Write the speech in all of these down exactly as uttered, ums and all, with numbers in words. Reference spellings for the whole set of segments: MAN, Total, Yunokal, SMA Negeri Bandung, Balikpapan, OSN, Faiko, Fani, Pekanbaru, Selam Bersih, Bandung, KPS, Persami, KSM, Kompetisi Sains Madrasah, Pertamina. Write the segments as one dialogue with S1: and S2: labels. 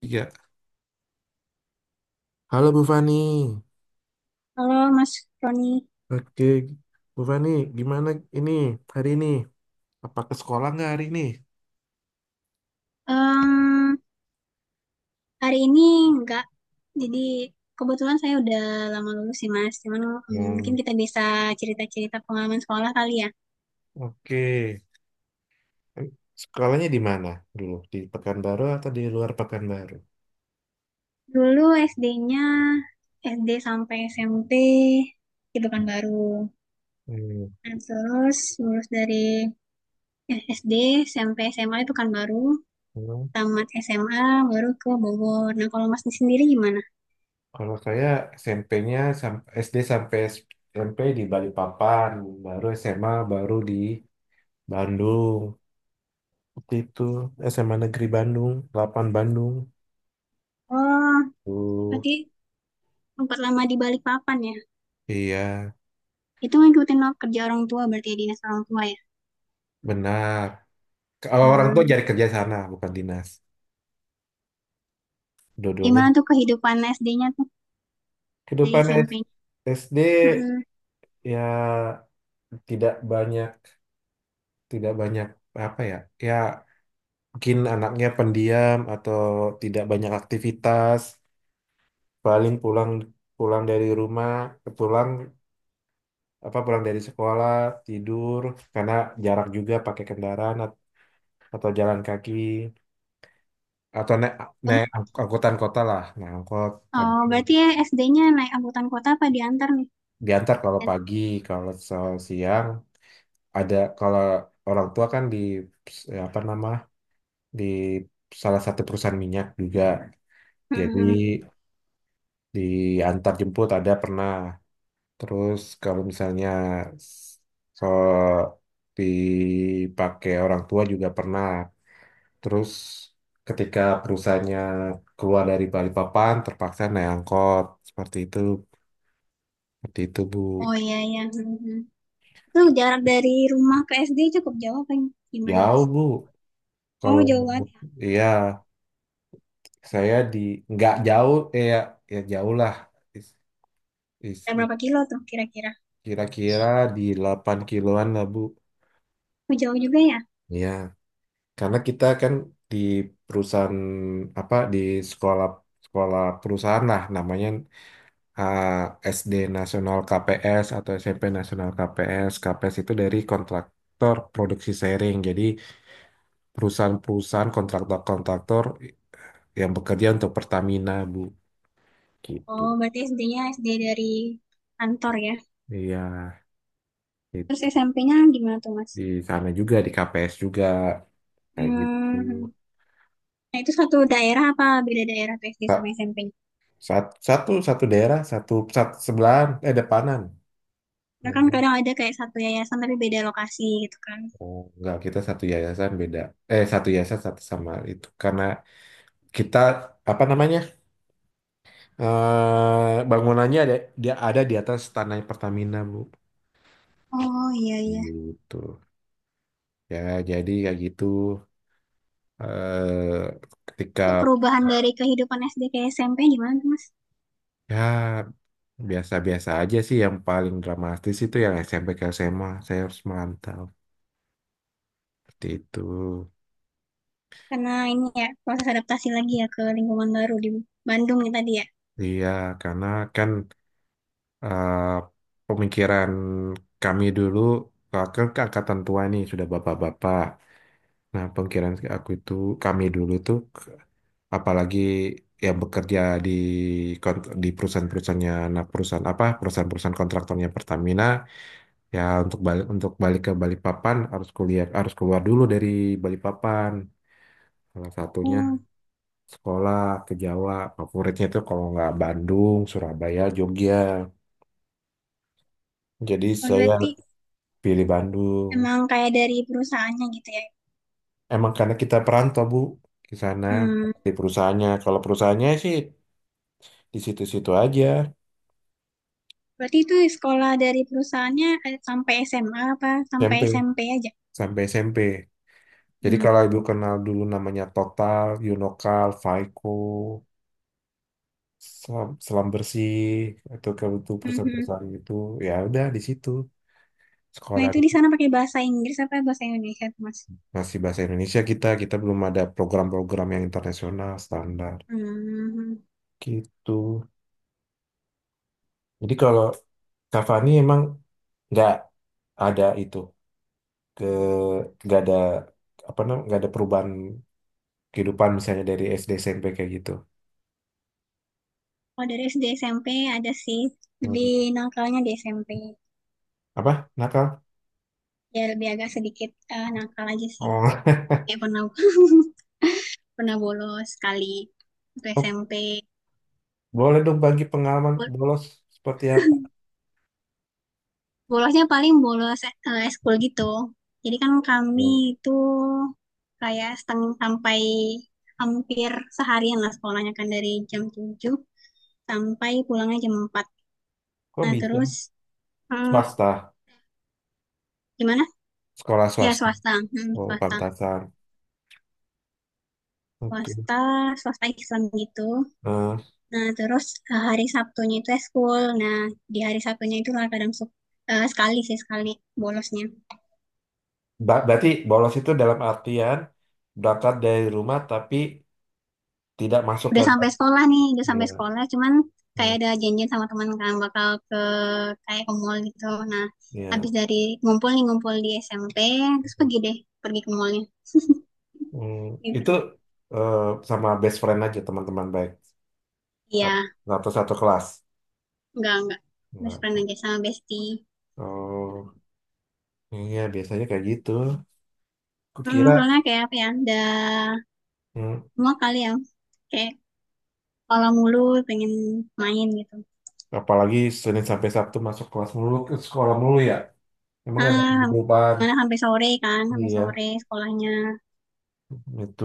S1: Iya, halo Bu Fani.
S2: Halo Mas Roni.
S1: Oke, Bu Fani, gimana ini hari ini? Apa ke sekolah nggak hari ini?
S2: Em, Hari ini enggak, jadi kebetulan saya udah lama lulus sih Mas, cuman em,
S1: Hmm,
S2: mungkin kita bisa cerita-cerita pengalaman sekolah kali ya.
S1: oke. Sekolahnya di mana dulu? Di Pekanbaru atau di luar Pekanbaru?
S2: Dulu S D-nya, S D sampai S M P itu kan baru,
S1: Hmm,
S2: nah, terus lulus dari eh, S D sampai S M A itu kan baru,
S1: hmm.
S2: tamat S M A baru ke Bogor. Nah kalau Mas sendiri gimana?
S1: Kalau saya S M P-nya sam- S D sampai SMP di Balikpapan, baru S M A baru di Bandung. Seperti itu S M A Negeri Bandung, delapan Bandung.
S2: Oh,
S1: Tuh,
S2: berarti tempat lama di Balikpapan ya?
S1: iya,
S2: Itu ngikutin lo- kerja orang tua berarti ya, dinas orang tua ya.
S1: benar. Kalau orang tua
S2: Hmm.
S1: cari kerja sana, bukan dinas. Dua-duanya.
S2: Gimana tuh kehidupan S D-nya tuh di
S1: Kehidupan S-
S2: S M P-nya?
S1: SD
S2: Hmm.
S1: ya tidak banyak, tidak banyak apa ya? Ya mungkin anaknya pendiam atau tidak banyak aktivitas. Paling pulang pulang dari rumah, pulang apa pulang dari sekolah tidur karena jarak juga pakai kendaraan at- atau jalan kaki atau naik naik ang- angkutan kota lah, naik angkot.
S2: Oh,
S1: Tapi
S2: berarti ya S D-nya naik angkutan kota apa diantar nih?
S1: diantar kalau
S2: Dan-
S1: pagi, kalau so- siang. Ada kalau orang tua kan di ya apa nama di salah satu perusahaan minyak juga, jadi
S2: Hmm.
S1: diantar jemput ada pernah. Terus kalau misalnya s- so dipakai orang tua juga pernah. Terus ketika perusahaannya keluar dari Balikpapan terpaksa naik angkot, seperti itu, seperti itu Bu.
S2: Oh iya iya. Hmm. Itu jarak dari rumah ke S D cukup jauh apa gimana Mas?
S1: Jauh Bu,
S2: Oh
S1: kalau
S2: jauh banget ya.
S1: iya saya di nggak jauh eh, ya ya jauh lah. Is- is-
S2: Ada
S1: is-
S2: berapa kilo tuh kira-kira?
S1: Kira-kira di delapan kiloan lah Bu.
S2: Oh, jauh juga ya?
S1: Ya karena kita kan di perusahaan apa di sekolah sekolah perusahaan lah namanya. Ah, S D Nasional K P S atau SMP Nasional K P S, K P S itu dari kontraktor produksi sharing, jadi perusahaan-perusahaan kontraktor-kontraktor yang bekerja untuk Pertamina Bu, gitu.
S2: Oh berarti S D-nya S D dari kantor ya.
S1: Iya,
S2: Terus
S1: itu
S2: S M P-nya gimana tuh Mas?
S1: di sana juga di K P S juga kayak gitu.
S2: Hmm. Nah itu satu daerah apa beda daerah tuh S D sama
S1: Sa-
S2: S M P?
S1: sat- satu satu daerah satu sat- sebelahan eh, depanan.
S2: Karena kan kadang ada kayak satu yayasan tapi beda lokasi gitu kan.
S1: Oh, enggak, kita satu yayasan beda, eh satu yayasan satu sama itu, karena kita apa namanya eh bangunannya ada dia ada di atas tanah Pertamina Bu,
S2: Oh iya iya.
S1: gitu ya, jadi kayak gitu eh ketika.
S2: Itu perubahan dari kehidupan S D ke S M P gimana tuh Mas?
S1: Ya, biasa-biasa aja sih yang paling dramatis itu yang S M P ke S M A saya harus merantau. Seperti itu.
S2: Karena ini ya proses adaptasi lagi ya ke lingkungan baru di Bandung ya tadi ya.
S1: Iya, karena kan eh, pemikiran kami dulu, eh, ke angkatan tua nih sudah bapak-bapak. Nah, pemikiran aku itu, kami dulu tuh, apalagi yang bekerja di kon- di perusahaan-perusahaannya, nah perusahaan apa, perusahaan-perusahaan kontraktornya Pertamina, ya untuk balik untuk balik ke Balikpapan harus kuliah, harus keluar dulu dari Balikpapan. Salah satunya
S2: Oh,
S1: sekolah ke Jawa, favoritnya itu kalau nggak Bandung, Surabaya, Jogja. Jadi
S2: oh,
S1: saya
S2: berarti
S1: pilih Bandung.
S2: emang kayak dari perusahaannya gitu ya.
S1: Emang karena kita perantau, Bu, ke sana
S2: Hmm.
S1: di perusahaannya. Kalau perusahaannya sih di situ-situ aja,
S2: Berarti itu sekolah dari perusahaannya eh, sampai S M A apa sampai
S1: S M P
S2: S M P aja?
S1: sampai S M P. Jadi
S2: Hmm.
S1: kalau Ibu kenal dulu namanya Total, Yunokal, Faiko, Selam, Selam Bersih, atau kalau itu
S2: Mhm.
S1: perusahaan-perusahaan itu, ya udah di situ.
S2: Nah
S1: Sekolah
S2: itu di sana pakai bahasa Inggris apa bahasa Indonesia tuh Mas?
S1: masih bahasa Indonesia kita, kita, belum ada program-program yang internasional standar.
S2: Hmm, hmm, hmm.
S1: Gitu. Jadi kalau Cavani emang nggak ada itu ke nggak ada apa namanya nggak ada perubahan kehidupan misalnya dari S D S M P kayak gitu.
S2: Kalau dari S D S M P ada sih, lebih
S1: Hmm.
S2: nakalnya di S M P.
S1: Apa? Nakal?
S2: Ya lebih agak sedikit eh, nakal aja sih.
S1: Oh.
S2: Kayak pernah pernah bolos sekali waktu
S1: Oh,
S2: S M P.
S1: boleh dong bagi pengalaman
S2: Bol-
S1: bolos seperti apa?
S2: Bolosnya paling bolos eh, eskul gitu. Jadi kan kami
S1: Oh,
S2: itu kayak setengah sampai hampir seharian lah sekolahnya kan dari jam tujuh sampai pulangnya jam empat.
S1: kok
S2: Nah
S1: bisa?
S2: terus, hmm,
S1: Swasta,
S2: gimana?
S1: sekolah
S2: Ya
S1: swasta.
S2: swasta, hmm,
S1: Oh,
S2: swasta,
S1: pantasan. Oke.
S2: swasta, swasta Islam gitu.
S1: Eh,
S2: Nah, terus eh, hari Sabtunya itu eskul. Nah, di hari Sabtunya itu lah kadang suka, eh, sekali sih sekali bolosnya.
S1: ba- berarti bolos itu dalam artian berangkat dari rumah tapi tidak masuk ke
S2: Udah
S1: dalam.
S2: sampai sekolah nih, udah
S1: Ya.
S2: sampai sekolah, cuman
S1: Nah,
S2: kayak ada janjian sama teman kan bakal ke, kayak ke mall gitu. Nah, habis dari ngumpul nih ngumpul di S M P, terus
S1: ya.
S2: pergi deh, pergi ke mallnya
S1: Hmm, itu
S2: gitu.
S1: eh, sama best friend aja teman-teman baik
S2: Iya,
S1: atau satu kelas.
S2: enggak enggak. Best
S1: Enggak.
S2: friend aja sama bestie.
S1: Oh, iya biasanya kayak gitu.
S2: Hmm,
S1: Kukira.
S2: soalnya kayak apa ya? Udah
S1: hmm,
S2: semua kali ya. Kayak kalau mulu pengen main gitu.
S1: Apalagi Senin sampai Sabtu masuk kelas mulu ke sekolah mulu ya. Emang ada
S2: Ah,
S1: kehidupan.
S2: karena sampai sore kan, sampai
S1: Iya,
S2: sore sekolahnya.
S1: itu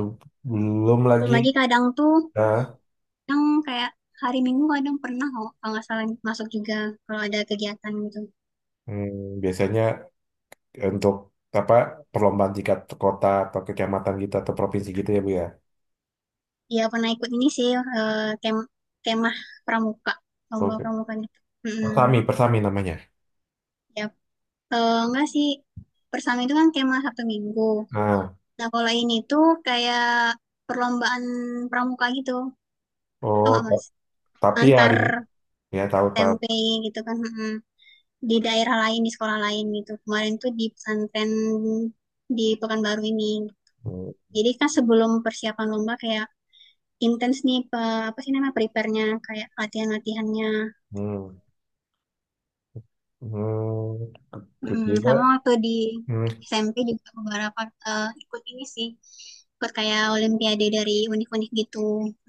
S1: belum
S2: Belum
S1: lagi.
S2: lagi kadang tuh,
S1: Nah,
S2: yang kayak hari Minggu kadang pernah kok, kalau nggak salah masuk juga kalau ada kegiatan gitu.
S1: hmm, biasanya untuk apa perlombaan tingkat kota atau kecamatan gitu atau provinsi gitu ya Bu ya.
S2: Iya pernah ikut ini sih, eh, kem- kemah pramuka, lomba
S1: Oke.
S2: pramuka gitu. Mm-mm.
S1: Persami, persami namanya.
S2: Ya, eh, enggak sih, bersama itu kan kemah Sabtu Minggu.
S1: Nah,
S2: Nah kalau ini tuh kayak perlombaan pramuka gitu, tau
S1: oh.
S2: nggak mas?
S1: Tapi ya,
S2: Antar
S1: di- ya tahu-tahu.
S2: S M P gitu kan. Mm-mm. Di daerah lain di sekolah lain gitu kemarin tuh di pesantren di Pekanbaru ini,
S1: Hmm,
S2: jadi kan sebelum persiapan lomba kayak intens nih pe- apa sih namanya prepare-nya kayak latihan-latihannya.
S1: hmm, hmm.
S2: Mm,
S1: Kira-kira,
S2: sama waktu di
S1: hmm,
S2: S M P juga beberapa eh, ikut ini sih, ikut kayak olimpiade dari unik-unik gitu,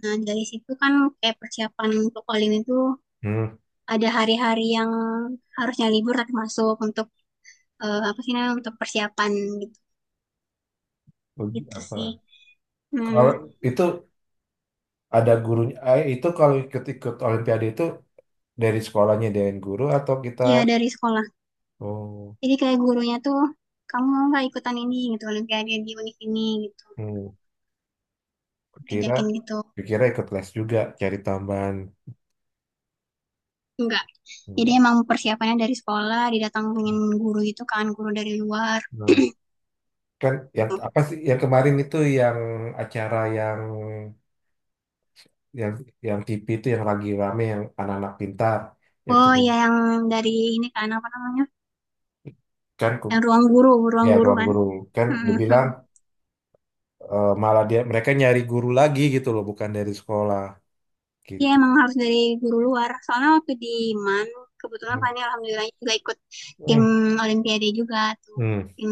S2: nah dari situ kan kayak persiapan untuk olim itu
S1: hmm,
S2: ada hari-hari yang harusnya libur tapi masuk untuk eh, apa sih namanya, untuk persiapan gitu,
S1: uji
S2: gitu sih.
S1: apa?
S2: Hmm,
S1: Kalau itu ada gurunya, eh, itu kalau ikut-ikut Olimpiade itu dari sekolahnya dengan guru atau kita.
S2: iya dari sekolah,
S1: Oh,
S2: jadi kayak gurunya tuh kamu mau nggak ikutan ini gitu, olimpiade di univ ini gitu,
S1: hmm, kira,
S2: ngajakin gitu.
S1: kira ikut les juga cari tambahan.
S2: Enggak, jadi
S1: Enggak.
S2: emang persiapannya dari sekolah didatangin guru, itu kan guru dari luar.
S1: Nah, kan yang apa sih yang kemarin itu yang acara yang yang yang T V itu yang lagi rame yang anak-anak pintar yang
S2: Oh ya yang dari ini kan apa namanya,
S1: kan
S2: yang ruang guru, ruang
S1: ya
S2: guru
S1: ruang
S2: kan.
S1: guru kan dibilang eh, malah dia mereka nyari guru lagi gitu loh bukan dari sekolah
S2: Iya
S1: gitu.
S2: emang harus dari guru luar. Soalnya waktu di M A N, kebetulan
S1: Hmm
S2: Fani alhamdulillah juga ikut tim
S1: hmm
S2: Olimpiade juga tuh. Tim,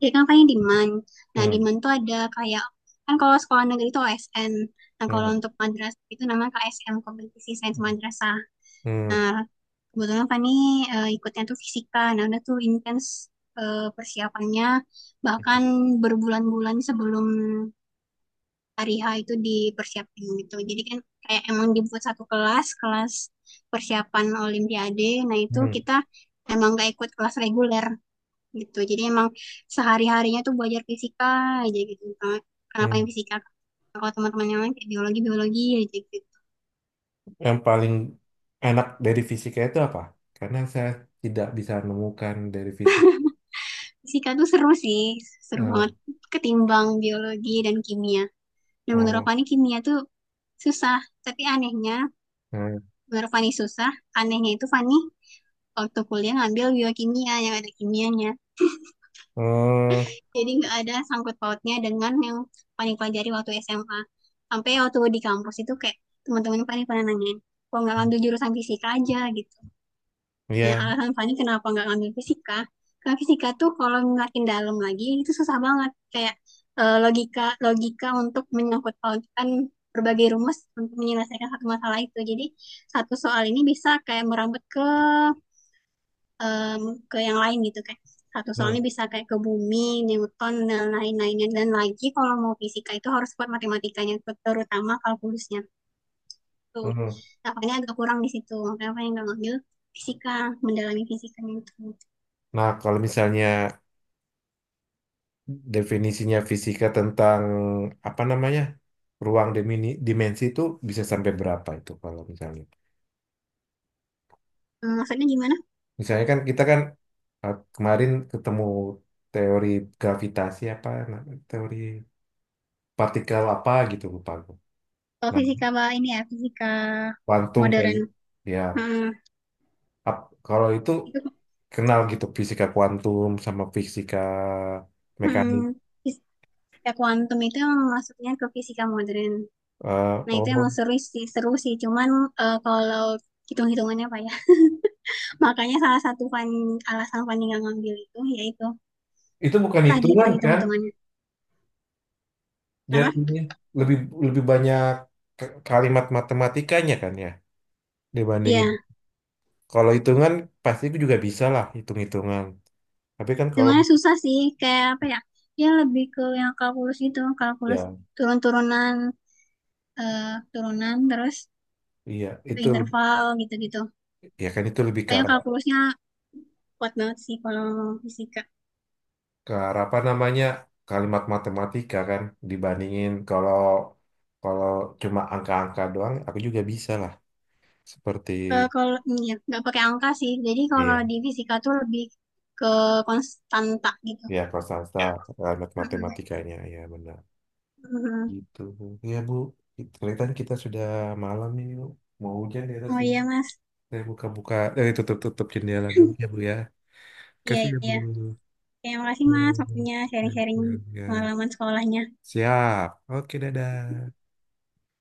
S2: jadi kan Fani di M A N. Nah di
S1: hmm
S2: M A N tuh ada kayak, kan kalau sekolah negeri itu O S N. Nah kalau
S1: hmm
S2: untuk madrasah itu namanya K S M, Kompetisi Sains
S1: hmm
S2: Madrasah.
S1: hmm,
S2: Nah kebetulan Fani eh, ikutnya tuh fisika. Nah udah tuh intens eh, persiapannya. Bahkan berbulan-bulan sebelum hari H itu dipersiapkan gitu. Jadi kan kayak emang dibuat satu kelas, kelas persiapan Olimpiade. Nah itu
S1: hmm.
S2: kita emang gak ikut kelas reguler gitu. Jadi emang sehari-harinya tuh belajar fisika aja gitu. Nah, kenapa yang
S1: Hmm.
S2: fisika? Kalau teman-teman yang lain kayak biologi, biologi aja gitu.
S1: Yang paling enak dari fisika itu apa karena saya tidak bisa menemukan dari fisik
S2: Fisika tuh seru sih, seru banget
S1: eh
S2: ketimbang biologi dan kimia. Dan menurut
S1: oh,
S2: Fani kimia tuh susah, tapi anehnya,
S1: eh,
S2: menurut Fani susah, anehnya itu Fani waktu kuliah ngambil biokimia yang ada kimianya.
S1: eh,
S2: Jadi nggak ada sangkut pautnya dengan yang paling pelajari waktu S M A. Sampai waktu di kampus itu kayak teman-teman Fani pernah nanyain, kok nggak ngambil jurusan fisika aja gitu. Nah
S1: ya
S2: alasan Fani kenapa nggak ngambil fisika, karena fisika tuh kalau makin dalam lagi itu susah banget. Kayak eh, logika logika untuk menyangkut pautkan berbagai rumus untuk menyelesaikan satu masalah itu. Jadi satu soal ini bisa kayak merambut ke em, ke yang lain gitu, kayak satu soalnya
S1: hmm,
S2: bisa kayak ke bumi, Newton dan lain-lainnya, dan lagi kalau mau fisika itu harus kuat matematikanya, terutama kalkulusnya tuh.
S1: hmm.
S2: Nah, makanya agak kurang di situ. Makanya apa yang nggak ngambil fisika, mendalami fisikanya itu.
S1: Nah kalau misalnya definisinya fisika tentang apa namanya ruang dimini, dimensi itu bisa sampai berapa itu kalau misalnya
S2: Hmm, maksudnya gimana?
S1: misalnya kan kita kan eh, kemarin ketemu teori gravitasi apa na- teori partikel apa gitu lupa aku.
S2: Kalau
S1: Nah
S2: fisika bah, ini ya fisika
S1: kuantum kan
S2: modern.
S1: ya
S2: Hmm,
S1: ap- kalau itu
S2: itu
S1: kenal gitu fisika kuantum sama fisika mekanik.
S2: hmm, fisika kuantum itu emang masuknya ke fisika modern.
S1: Eh,
S2: Nah, itu
S1: oh,
S2: emang seru sih, seru sih. Cuman eh, kalau hitung-hitungannya apa ya? Makanya salah satu fan- alasan Fanny nggak ngambil itu yaitu
S1: itu bukan
S2: susah di
S1: hitungan kan?
S2: perhitung-hitungannya. Kenapa?
S1: Jatuhnya lebih lebih banyak k- kalimat matematikanya kan ya, dibandingin.
S2: Iya,
S1: Kalau hitungan pasti gue juga bisa lah hitung-hitungan. Tapi kan kalau
S2: hitungannya susah sih. Kayak apa ya? Dia lebih ke yang kalkulus gitu, kalkulus
S1: ya
S2: turun-turunan, eh, turunan terus
S1: iya
S2: ke
S1: itu
S2: interval gitu-gitu.
S1: ya kan itu lebih ke
S2: Pokoknya
S1: arah,
S2: kalkulusnya kuat banget sih kalau fisika.
S1: ke arah apa namanya kalimat matematika kan dibandingin kalau kalau cuma angka-angka doang aku juga bisa lah seperti
S2: Eh, kalau iya, nggak pakai angka sih. Jadi kalau
S1: iya
S2: di fisika tuh lebih ke konstanta gitu.
S1: iya kalau salsa kalimat matematikanya ya benar. Gitu, Bu. Iya, Bu. Kelihatan kita sudah malam nih, Bu. Mau hujan di atas
S2: Oh
S1: sini.
S2: iya Mas.
S1: Saya buka-buka, eh, tutup-tutup jendela dulu ya, Bu, ya.
S2: Iya
S1: Kasih ya, Bu.
S2: iya. Terima kasih
S1: Ya,
S2: Mas waktunya sharing-sharing
S1: ya, ya.
S2: pengalaman sekolahnya.
S1: Siap. Oke, dadah.